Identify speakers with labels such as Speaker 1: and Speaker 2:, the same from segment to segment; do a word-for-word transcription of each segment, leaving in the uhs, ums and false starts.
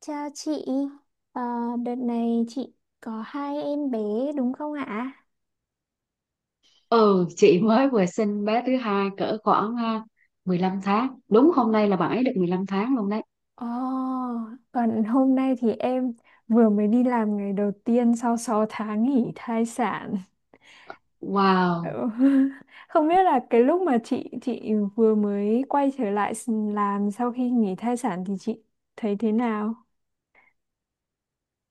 Speaker 1: Chào chị, Ờ, đợt này chị có hai em bé đúng không ạ?
Speaker 2: Ừ, chị mới vừa sinh bé thứ hai cỡ khoảng à, mười lăm tháng. Đúng hôm nay là bạn ấy được mười lăm tháng luôn đấy.
Speaker 1: Ồ, còn hôm nay thì em vừa mới đi làm ngày đầu tiên sau sáu tháng nghỉ thai sản.
Speaker 2: Wow,
Speaker 1: Ừ. Không biết là cái lúc mà chị chị vừa mới quay trở lại s- làm sau khi nghỉ thai sản thì chị thấy thế nào?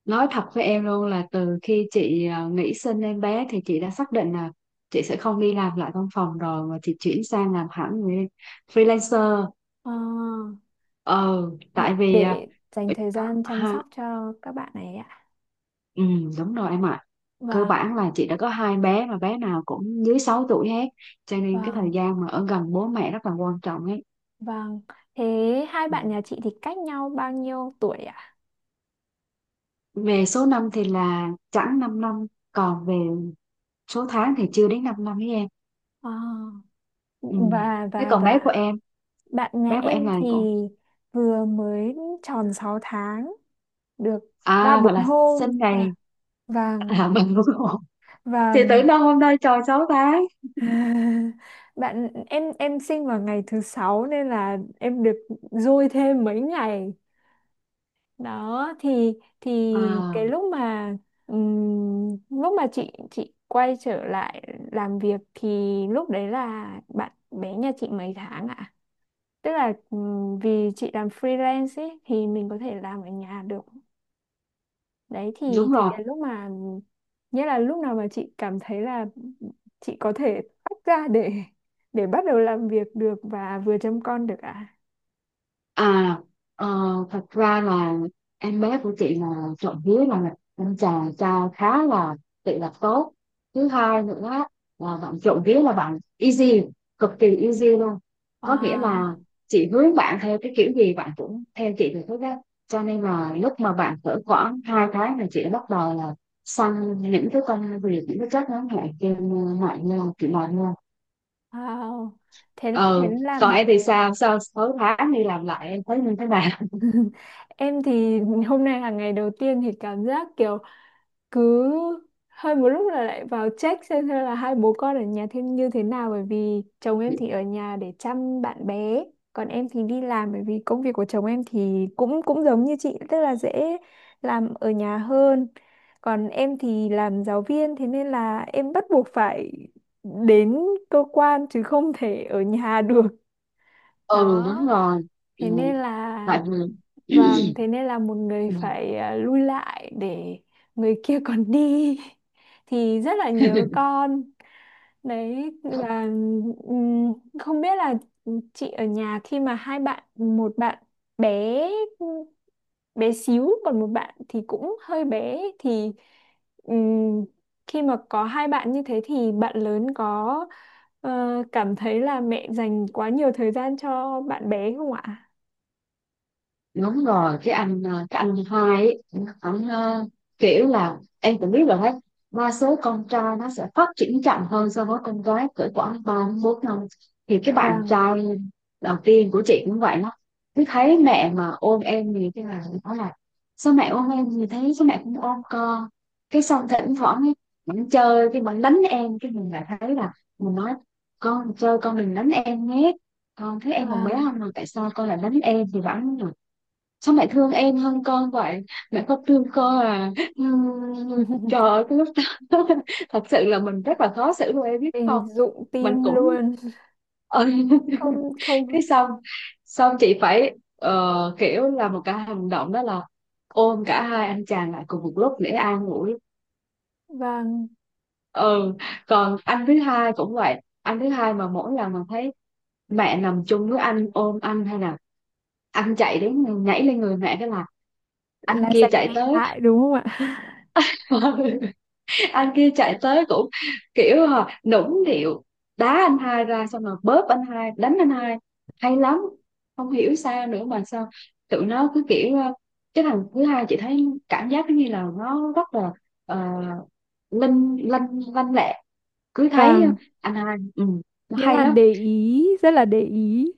Speaker 2: nói thật với em luôn là từ khi chị à, nghỉ sinh em bé thì chị đã xác định là chị sẽ không đi làm lại văn phòng rồi mà chị chuyển sang làm hẳn người freelancer.
Speaker 1: ờ,
Speaker 2: ờ
Speaker 1: v-
Speaker 2: Tại vì à,
Speaker 1: để dành thời gian chăm
Speaker 2: ha,
Speaker 1: sóc cho các bạn này ạ.
Speaker 2: ừ, đúng rồi em ạ. Cơ
Speaker 1: Vâng,
Speaker 2: bản là chị đã có hai bé mà bé nào cũng dưới sáu tuổi hết. Cho nên cái thời
Speaker 1: vâng.
Speaker 2: gian mà ở gần bố mẹ rất là quan trọng ấy.
Speaker 1: Vâng, thế hai
Speaker 2: Ừ.
Speaker 1: bạn nhà chị thì cách nhau bao nhiêu tuổi ạ?
Speaker 2: Về số năm thì là chẳng 5 năm, còn về số tháng thì chưa đến 5 năm với em.
Speaker 1: À,
Speaker 2: Ừ.
Speaker 1: và
Speaker 2: Thế
Speaker 1: và
Speaker 2: còn bé của
Speaker 1: và
Speaker 2: em,
Speaker 1: bạn nhà
Speaker 2: bé của
Speaker 1: em
Speaker 2: em là
Speaker 1: thì
Speaker 2: cũng
Speaker 1: vừa mới tròn sáu tháng được ba
Speaker 2: à gọi
Speaker 1: bốn
Speaker 2: là
Speaker 1: hôm
Speaker 2: sinh
Speaker 1: và
Speaker 2: ngày
Speaker 1: vàng,
Speaker 2: à, mình cũng thì
Speaker 1: vàng.
Speaker 2: tưởng đâu hôm nay tròn sáu tháng.
Speaker 1: Bạn em em sinh vào ngày thứ sáu nên là em được dôi thêm mấy ngày đó, thì thì
Speaker 2: À,
Speaker 1: cái lúc mà ừm, lúc mà chị chị quay trở lại làm việc thì lúc đấy là bạn bé nhà chị mấy tháng ạ? Tức là ừm, vì chị làm freelance ấy, thì mình có thể làm ở nhà được đấy, thì
Speaker 2: đúng
Speaker 1: thì
Speaker 2: rồi.
Speaker 1: cái lúc mà nghĩa là lúc nào mà chị cảm thấy là chị có thể tách ra để để bắt đầu làm việc được và vừa chăm con được ạ?
Speaker 2: À, ờ, Thật ra là em bé của chị là trộm vía là anh chàng trai khá là tự lập tốt. Thứ hai nữa là bạn trộm vía là bạn easy, cực kỳ easy luôn. Có nghĩa là
Speaker 1: Wow,
Speaker 2: chị hướng bạn theo cái kiểu gì bạn cũng theo chị được hết á. Cho nên là lúc mà bạn cỡ khoảng hai tháng là chị đã bắt đầu là sang những cái công việc, những cái trách ngắn hạn trên ờ, mạng như chị nói luôn.
Speaker 1: wow. Thế thế
Speaker 2: Ừ,
Speaker 1: là
Speaker 2: còn
Speaker 1: bạn.
Speaker 2: em thì sao? Sau sáu tháng đi làm lại em thấy như thế nào?
Speaker 1: Em thì hôm nay là ngày đầu tiên thì cảm giác kiểu cứ hơi một lúc là lại vào check xem xem là hai bố con ở nhà thêm như thế nào, bởi vì chồng em thì ở nhà để chăm bạn bé, còn em thì đi làm. Bởi vì công việc của chồng em thì cũng cũng giống như chị, tức là dễ làm ở nhà hơn, còn em thì làm giáo viên, thế nên là em bắt buộc phải đến cơ quan chứ không thể ở nhà được.
Speaker 2: Ừ,
Speaker 1: Đó
Speaker 2: đúng rồi. Ừ,
Speaker 1: thế nên là
Speaker 2: tại
Speaker 1: vâng,
Speaker 2: vì
Speaker 1: thế nên là một người phải, à, lui lại để người kia còn đi, thì rất là nhớ con đấy. Và ừm, không biết là chị ở nhà khi mà hai bạn, một bạn bé bé xíu còn một bạn thì cũng hơi bé, thì ừm, khi mà có hai bạn như thế thì bạn lớn có ờ, cảm thấy là mẹ dành quá nhiều thời gian cho bạn bé không ạ?
Speaker 2: đúng rồi. Cái anh ờ, cái anh hai ấy, ảnh, ờ, kiểu là em cũng biết rồi đấy, đa số con trai nó sẽ phát triển chậm hơn so với con gái cỡ khoảng ba đến bốn năm. Thì cái bạn
Speaker 1: Vàng,
Speaker 2: trai đầu tiên của chị cũng vậy đó, cứ thấy mẹ mà ôm em thì cái là nó là sao mẹ ôm em, thì thấy sao mẹ cũng ôm con. Cái xong thỉnh thoảng ấy, mình chơi cái mình đánh em, cái mình lại thấy là mình nói con chơi con đừng đánh em nhé, con thấy em còn bé
Speaker 1: vàng.
Speaker 2: không mà tại sao con lại đánh em, thì vẫn sao mẹ thương em hơn con vậy, mẹ không thương con à. Ừm, trời ơi cái lúc đó thật sự là mình rất là khó xử luôn em biết
Speaker 1: Hình
Speaker 2: không.
Speaker 1: dụng
Speaker 2: Mình
Speaker 1: tim
Speaker 2: cũng
Speaker 1: luôn.
Speaker 2: ừ.
Speaker 1: Không, không.
Speaker 2: Cái xong, xong chị phải, ờ, kiểu là một cái hành động đó là ôm cả hai anh chàng lại cùng một lúc để an ủi.
Speaker 1: Vàng,
Speaker 2: Ừ, còn anh thứ hai cũng vậy, anh thứ hai mà mỗi lần mà thấy mẹ nằm chung với anh ôm anh hay là anh chạy đến nhảy lên người mẹ, cái là anh
Speaker 1: là
Speaker 2: kia
Speaker 1: dành
Speaker 2: chạy
Speaker 1: mẹ
Speaker 2: tới.
Speaker 1: lại đúng không ạ?
Speaker 2: Anh kia chạy tới cũng kiểu hả, nũng nịu đá anh hai ra xong rồi bóp anh hai đánh anh hai, hay lắm. Không hiểu sao nữa mà sao tụi nó cứ kiểu, ờ, cái thằng thứ hai chị thấy cảm giác như là nó rất là uh, linh lanh, lanh lẹ. Cứ thấy
Speaker 1: Vàng,
Speaker 2: anh hai, ừ, nó
Speaker 1: nghĩa
Speaker 2: hay
Speaker 1: là
Speaker 2: lắm.
Speaker 1: để ý, rất là để ý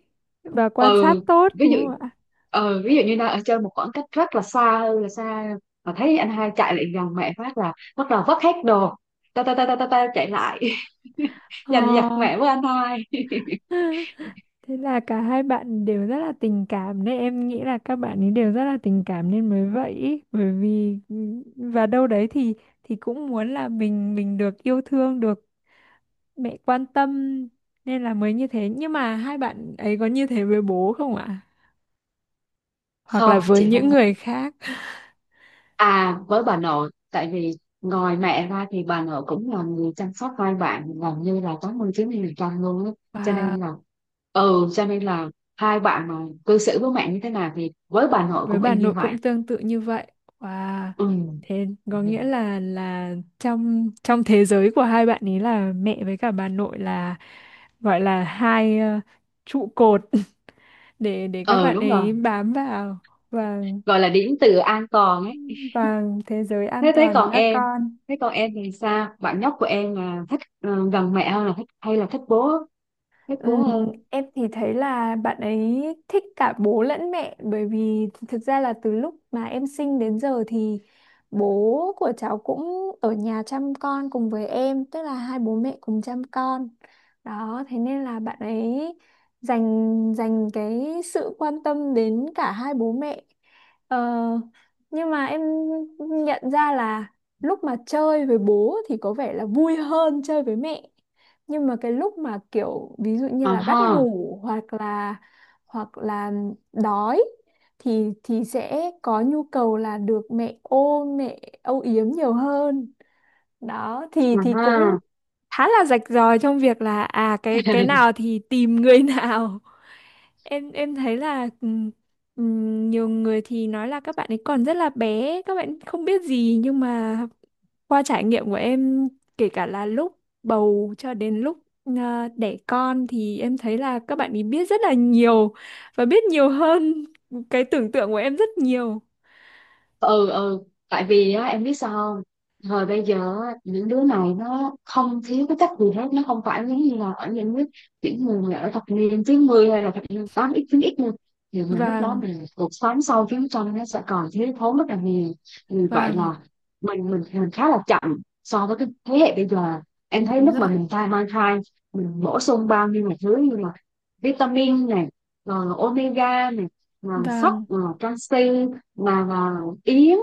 Speaker 1: và quan
Speaker 2: Ừ,
Speaker 1: sát tốt
Speaker 2: ví
Speaker 1: đúng
Speaker 2: dụ,
Speaker 1: không ạ?
Speaker 2: ừ, ví dụ như đang ở chơi một khoảng cách rất là xa, hơi là xa, mà thấy anh hai chạy lại gần mẹ phát là bắt đầu vất hết đồ, ta ta ta ta ta, ta chạy lại giành giật
Speaker 1: Ờ.
Speaker 2: mẹ với anh hai.
Speaker 1: Thế là cả hai bạn đều rất là tình cảm đấy, em nghĩ là các bạn ấy đều rất là tình cảm nên mới vậy ý. Bởi vì và đâu đấy thì thì cũng muốn là mình mình được yêu thương, được mẹ quan tâm, nên là mới như thế. Nhưng mà hai bạn ấy có như thế với bố không ạ, hoặc là
Speaker 2: Không
Speaker 1: với
Speaker 2: chị
Speaker 1: những
Speaker 2: không
Speaker 1: người
Speaker 2: thích.
Speaker 1: khác?
Speaker 2: À, với bà nội, tại vì ngoài mẹ ra thì bà nội cũng là người chăm sóc hai bạn gần như là tám mươi chín mươi phần trăm luôn á. Cho
Speaker 1: Và
Speaker 2: nên là, ừ, cho nên là hai bạn mà cư xử với mẹ như thế nào thì với bà nội
Speaker 1: với
Speaker 2: cũng
Speaker 1: bà
Speaker 2: y như
Speaker 1: nội
Speaker 2: vậy.
Speaker 1: cũng tương tự như vậy. Và
Speaker 2: Ừ.
Speaker 1: thế có nghĩa là là trong trong thế giới của hai bạn ấy là mẹ với cả bà nội là, gọi là hai, ờ, trụ cột để để các
Speaker 2: Ừ,
Speaker 1: bạn
Speaker 2: đúng rồi,
Speaker 1: ấy bám vào. và
Speaker 2: gọi là điểm tựa an toàn ấy.
Speaker 1: và thế giới an
Speaker 2: Thế thế
Speaker 1: toàn của
Speaker 2: còn
Speaker 1: các
Speaker 2: em,
Speaker 1: con.
Speaker 2: thế còn em thì sao, bạn nhóc của em là thích, ờ, gần mẹ hơn là thích, hay là thích bố, thích bố
Speaker 1: Ừm,
Speaker 2: hơn?
Speaker 1: em thì thấy là bạn ấy thích cả bố lẫn mẹ, bởi vì thực ra là từ lúc mà em sinh đến giờ thì bố của cháu cũng ở nhà chăm con cùng với em, tức là hai bố mẹ cùng chăm con. Đó thế nên là bạn ấy dành dành cái sự quan tâm đến cả hai bố mẹ. ờ, nhưng mà em nhận ra là lúc mà chơi với bố thì có vẻ là vui hơn chơi với mẹ, nhưng mà cái lúc mà kiểu ví dụ như
Speaker 2: À
Speaker 1: là gắt
Speaker 2: ha,
Speaker 1: ngủ, hoặc là hoặc là đói, thì thì sẽ có nhu cầu là được mẹ ôm, mẹ âu yếm nhiều hơn. Đó thì
Speaker 2: à
Speaker 1: thì cũng
Speaker 2: ha.
Speaker 1: khá là rạch ròi trong việc là à cái cái nào thì tìm người nào. Em em thấy là ừm, ừm, nhiều người thì nói là các bạn ấy còn rất là bé, các bạn không biết gì, nhưng mà qua trải nghiệm của em, kể cả là lúc bầu cho đến lúc à, đẻ con, thì em thấy là các bạn ấy biết rất là nhiều và biết nhiều hơn cái tưởng tượng của em rất nhiều.
Speaker 2: Ừ, ừ, tại vì á em biết sao không, thời bây giờ á, những đứa này nó không thiếu cái cách gì hết, nó không phải giống như là ở những nước, những người mà ở thập niên chín mươi hay là thập niên tám x chín x luôn, thì mình lúc
Speaker 1: Vàng,
Speaker 2: đó mình cuộc sống sau chiến tranh nó sẽ còn thiếu thốn rất là nhiều. Vì vậy
Speaker 1: vàng,
Speaker 2: là mình mình mình khá là chậm so với cái thế hệ bây giờ. Em thấy
Speaker 1: đúng
Speaker 2: lúc mà
Speaker 1: rồi.
Speaker 2: mình thai mang thai, mình bổ sung bao nhiêu là thứ như là vitamin này, rồi omega này, là sắt
Speaker 1: Vàng,
Speaker 2: là canxi, mà là yến,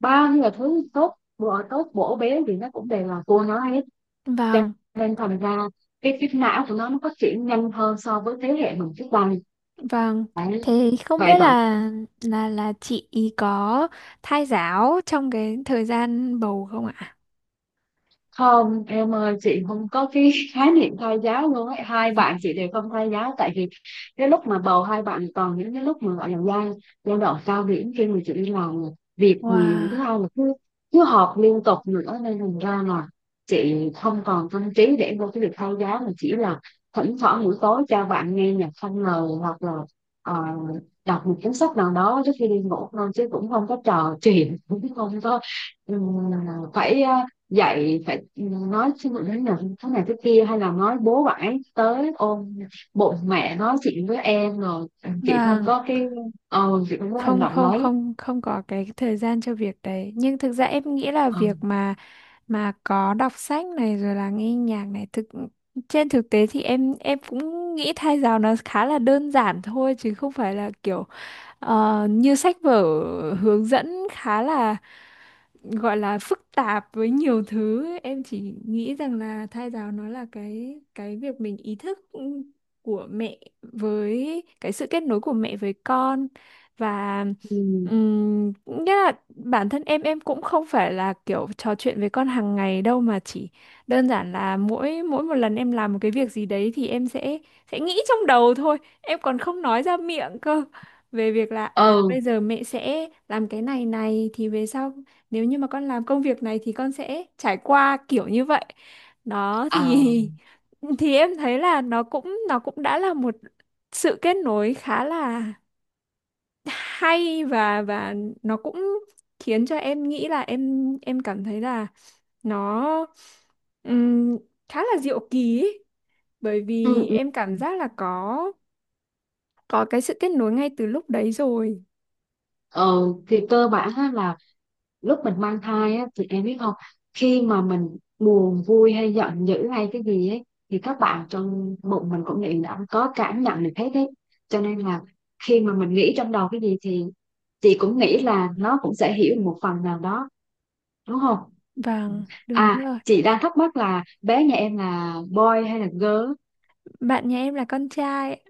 Speaker 2: bao nhiêu là thứ tốt bữa tốt bổ béo thì nó cũng đều là cua nó hết.
Speaker 1: vàng.
Speaker 2: Cho nên thành ra cái cái não của nó nó phát triển nhanh hơn so với thế hệ mình trước đây
Speaker 1: Vâng,
Speaker 2: đấy.
Speaker 1: thế không
Speaker 2: Vậy
Speaker 1: biết
Speaker 2: mà
Speaker 1: là là là chị có thai giáo trong cái thời gian bầu không ạ?
Speaker 2: không em ơi, chị không có cái khái niệm thai giáo luôn ấy, hai bạn chị đều không thai giáo. Tại vì cái lúc mà bầu hai bạn còn những cái lúc mà gọi là giai giai đoạn cao điểm khi mà chị đi làm việc nhiều, thứ
Speaker 1: Wow,
Speaker 2: hai là cứ cứ họp liên tục nữa, nên thành ra là chị không còn tâm trí để vô cái việc thai giáo, mà chỉ là thỉnh thoảng buổi tối cho bạn nghe nhạc không lời hoặc là, ờ, đọc một cuốn sách nào đó trước khi đi ngủ thôi, chứ cũng không có trò chuyện, cũng không có, ừ, phải, ờ, dạy phải nói xin lỗi đến nhận thế này thế kia hay là nói bố bãi tới ôm bụng mẹ nói chuyện với em rồi. Chị không
Speaker 1: vâng,
Speaker 2: có cái, ờ chị không có hành
Speaker 1: không,
Speaker 2: động
Speaker 1: không,
Speaker 2: nói.
Speaker 1: không, không có cái thời gian cho việc đấy. Nhưng thực ra em nghĩ là
Speaker 2: ờ
Speaker 1: việc mà mà có đọc sách này rồi là nghe nhạc này, thực trên thực tế thì em em cũng nghĩ thai giáo nó khá là đơn giản thôi chứ không phải là kiểu, Ờ, như sách vở hướng dẫn khá là, gọi là phức tạp với nhiều thứ. Em chỉ nghĩ rằng là thai giáo nó là cái cái việc mình ý thức của mẹ với cái sự kết nối của mẹ với con. Và
Speaker 2: ừ,
Speaker 1: ừm, nghĩa là bản thân em em cũng không phải là kiểu trò chuyện với con hàng ngày đâu, mà chỉ đơn giản là mỗi mỗi một lần em làm một cái việc gì đấy thì em sẽ sẽ nghĩ trong đầu thôi, em còn không nói ra miệng cơ, về việc là
Speaker 2: ờ
Speaker 1: à bây giờ mẹ sẽ làm cái này này thì về sau, nếu như mà con làm công việc này thì con sẽ trải qua kiểu như vậy. Đó thì
Speaker 2: à,
Speaker 1: thì em thấy là nó cũng nó cũng đã là một sự kết nối khá là hay, và và nó cũng khiến cho em nghĩ là, em em cảm thấy là nó, ừm, khá là diệu kỳ ấy. Bởi vì
Speaker 2: ừ, ừ.
Speaker 1: em cảm giác là có có cái sự kết nối ngay từ lúc đấy rồi.
Speaker 2: ờ thì cơ bản là lúc mình mang thai á, thì em biết không, khi mà mình buồn vui hay giận dữ hay cái gì ấy thì các bạn trong bụng mình cũng nghĩ đã có cảm nhận được hết đấy. Cho nên là khi mà mình nghĩ trong đầu cái gì thì chị cũng nghĩ là nó cũng sẽ hiểu một phần nào đó, đúng không?
Speaker 1: Vâng, đúng
Speaker 2: À
Speaker 1: rồi.
Speaker 2: chị đang thắc mắc là bé nhà em là boy hay là girl.
Speaker 1: Bạn nhà em là con trai.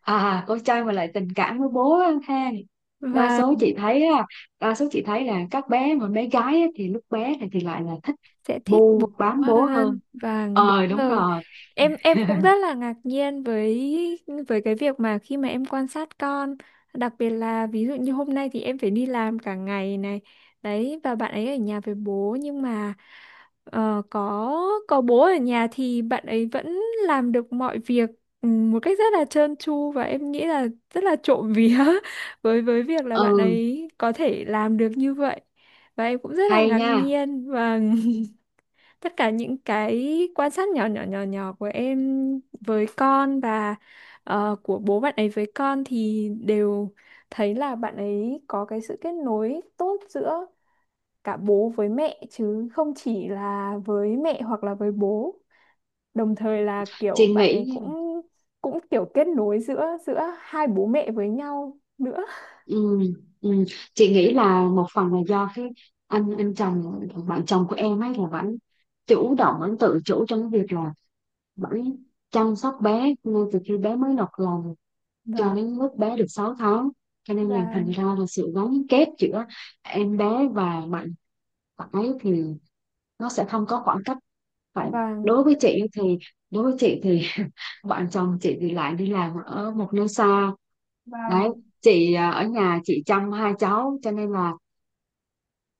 Speaker 2: À, con trai mà lại tình cảm với bố á ha. Đa
Speaker 1: Và
Speaker 2: số chị thấy á, đa số chị thấy là các bé mà bé gái á, thì lúc bé này thì lại là thích
Speaker 1: sẽ thích
Speaker 2: bu
Speaker 1: bố
Speaker 2: bám bố hơn.
Speaker 1: hơn, vâng
Speaker 2: Ờ
Speaker 1: đúng
Speaker 2: đúng
Speaker 1: rồi.
Speaker 2: rồi.
Speaker 1: Em em cũng rất là ngạc nhiên với với cái việc mà khi mà em quan sát con, đặc biệt là ví dụ như hôm nay thì em phải đi làm cả ngày này đấy, và bạn ấy ở nhà với bố. Nhưng mà ờ, có có bố ở nhà thì bạn ấy vẫn làm được mọi việc, ừ, một cách rất là trơn tru, và em nghĩ là rất là trộm vía với với việc là bạn
Speaker 2: Ừ,
Speaker 1: ấy có thể làm được như vậy. Và em cũng rất là
Speaker 2: hay
Speaker 1: ngạc
Speaker 2: nha.
Speaker 1: nhiên, và tất cả những cái quan sát nhỏ nhỏ, nhỏ nhỏ của em với con và ờ, của bố bạn ấy với con thì đều thấy là bạn ấy có cái sự kết nối tốt giữa cả bố với mẹ, chứ không chỉ là với mẹ hoặc là với bố. Đồng thời là
Speaker 2: Chị
Speaker 1: kiểu bạn
Speaker 2: nghĩ
Speaker 1: ấy
Speaker 2: nha,
Speaker 1: cũng cũng kiểu kết nối giữa giữa hai bố mẹ với nhau nữa.
Speaker 2: ừ, ừ, chị nghĩ là một phần là do cái anh anh chồng, bạn chồng của em ấy là vẫn chủ động, vẫn tự chủ trong cái việc là vẫn chăm sóc bé ngay từ khi bé mới nọc lòng
Speaker 1: và
Speaker 2: cho đến lúc bé được sáu tháng. Cho nên là
Speaker 1: và
Speaker 2: thành ra là sự gắn kết giữa em bé và bạn phải thì nó sẽ không có khoảng cách, phải.
Speaker 1: và
Speaker 2: Đối với chị thì, đối với chị thì, bạn chồng chị thì lại đi làm ở một nơi xa
Speaker 1: và
Speaker 2: đấy. Chị, à, ở nhà chị chăm hai cháu, cho nên là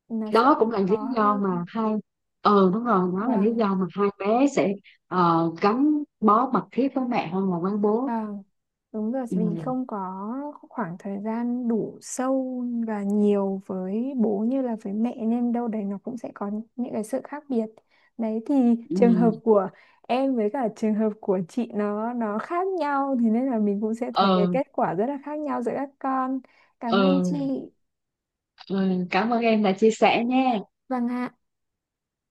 Speaker 1: là sẽ
Speaker 2: đó cũng là lý
Speaker 1: khó
Speaker 2: do
Speaker 1: hơn.
Speaker 2: mà hai, ờ đúng rồi, đó là
Speaker 1: và
Speaker 2: lý do mà hai bé sẽ, ờ, gắn bó mật thiết với mẹ hơn là với
Speaker 1: Ờ,
Speaker 2: bố.
Speaker 1: đúng rồi, vì
Speaker 2: Ừ.
Speaker 1: không có khoảng thời gian đủ sâu và nhiều với bố như là với mẹ, nên đâu đấy nó cũng sẽ có những cái sự khác biệt. Đấy thì
Speaker 2: Ừ.
Speaker 1: trường hợp của em với cả trường hợp của chị nó nó khác nhau, thì nên là mình cũng sẽ thấy cái
Speaker 2: ờ
Speaker 1: kết quả rất là khác nhau giữa các con. Cảm ơn
Speaker 2: ờ
Speaker 1: chị.
Speaker 2: Ừ, cảm ơn em đã chia sẻ nha.
Speaker 1: Vâng ạ.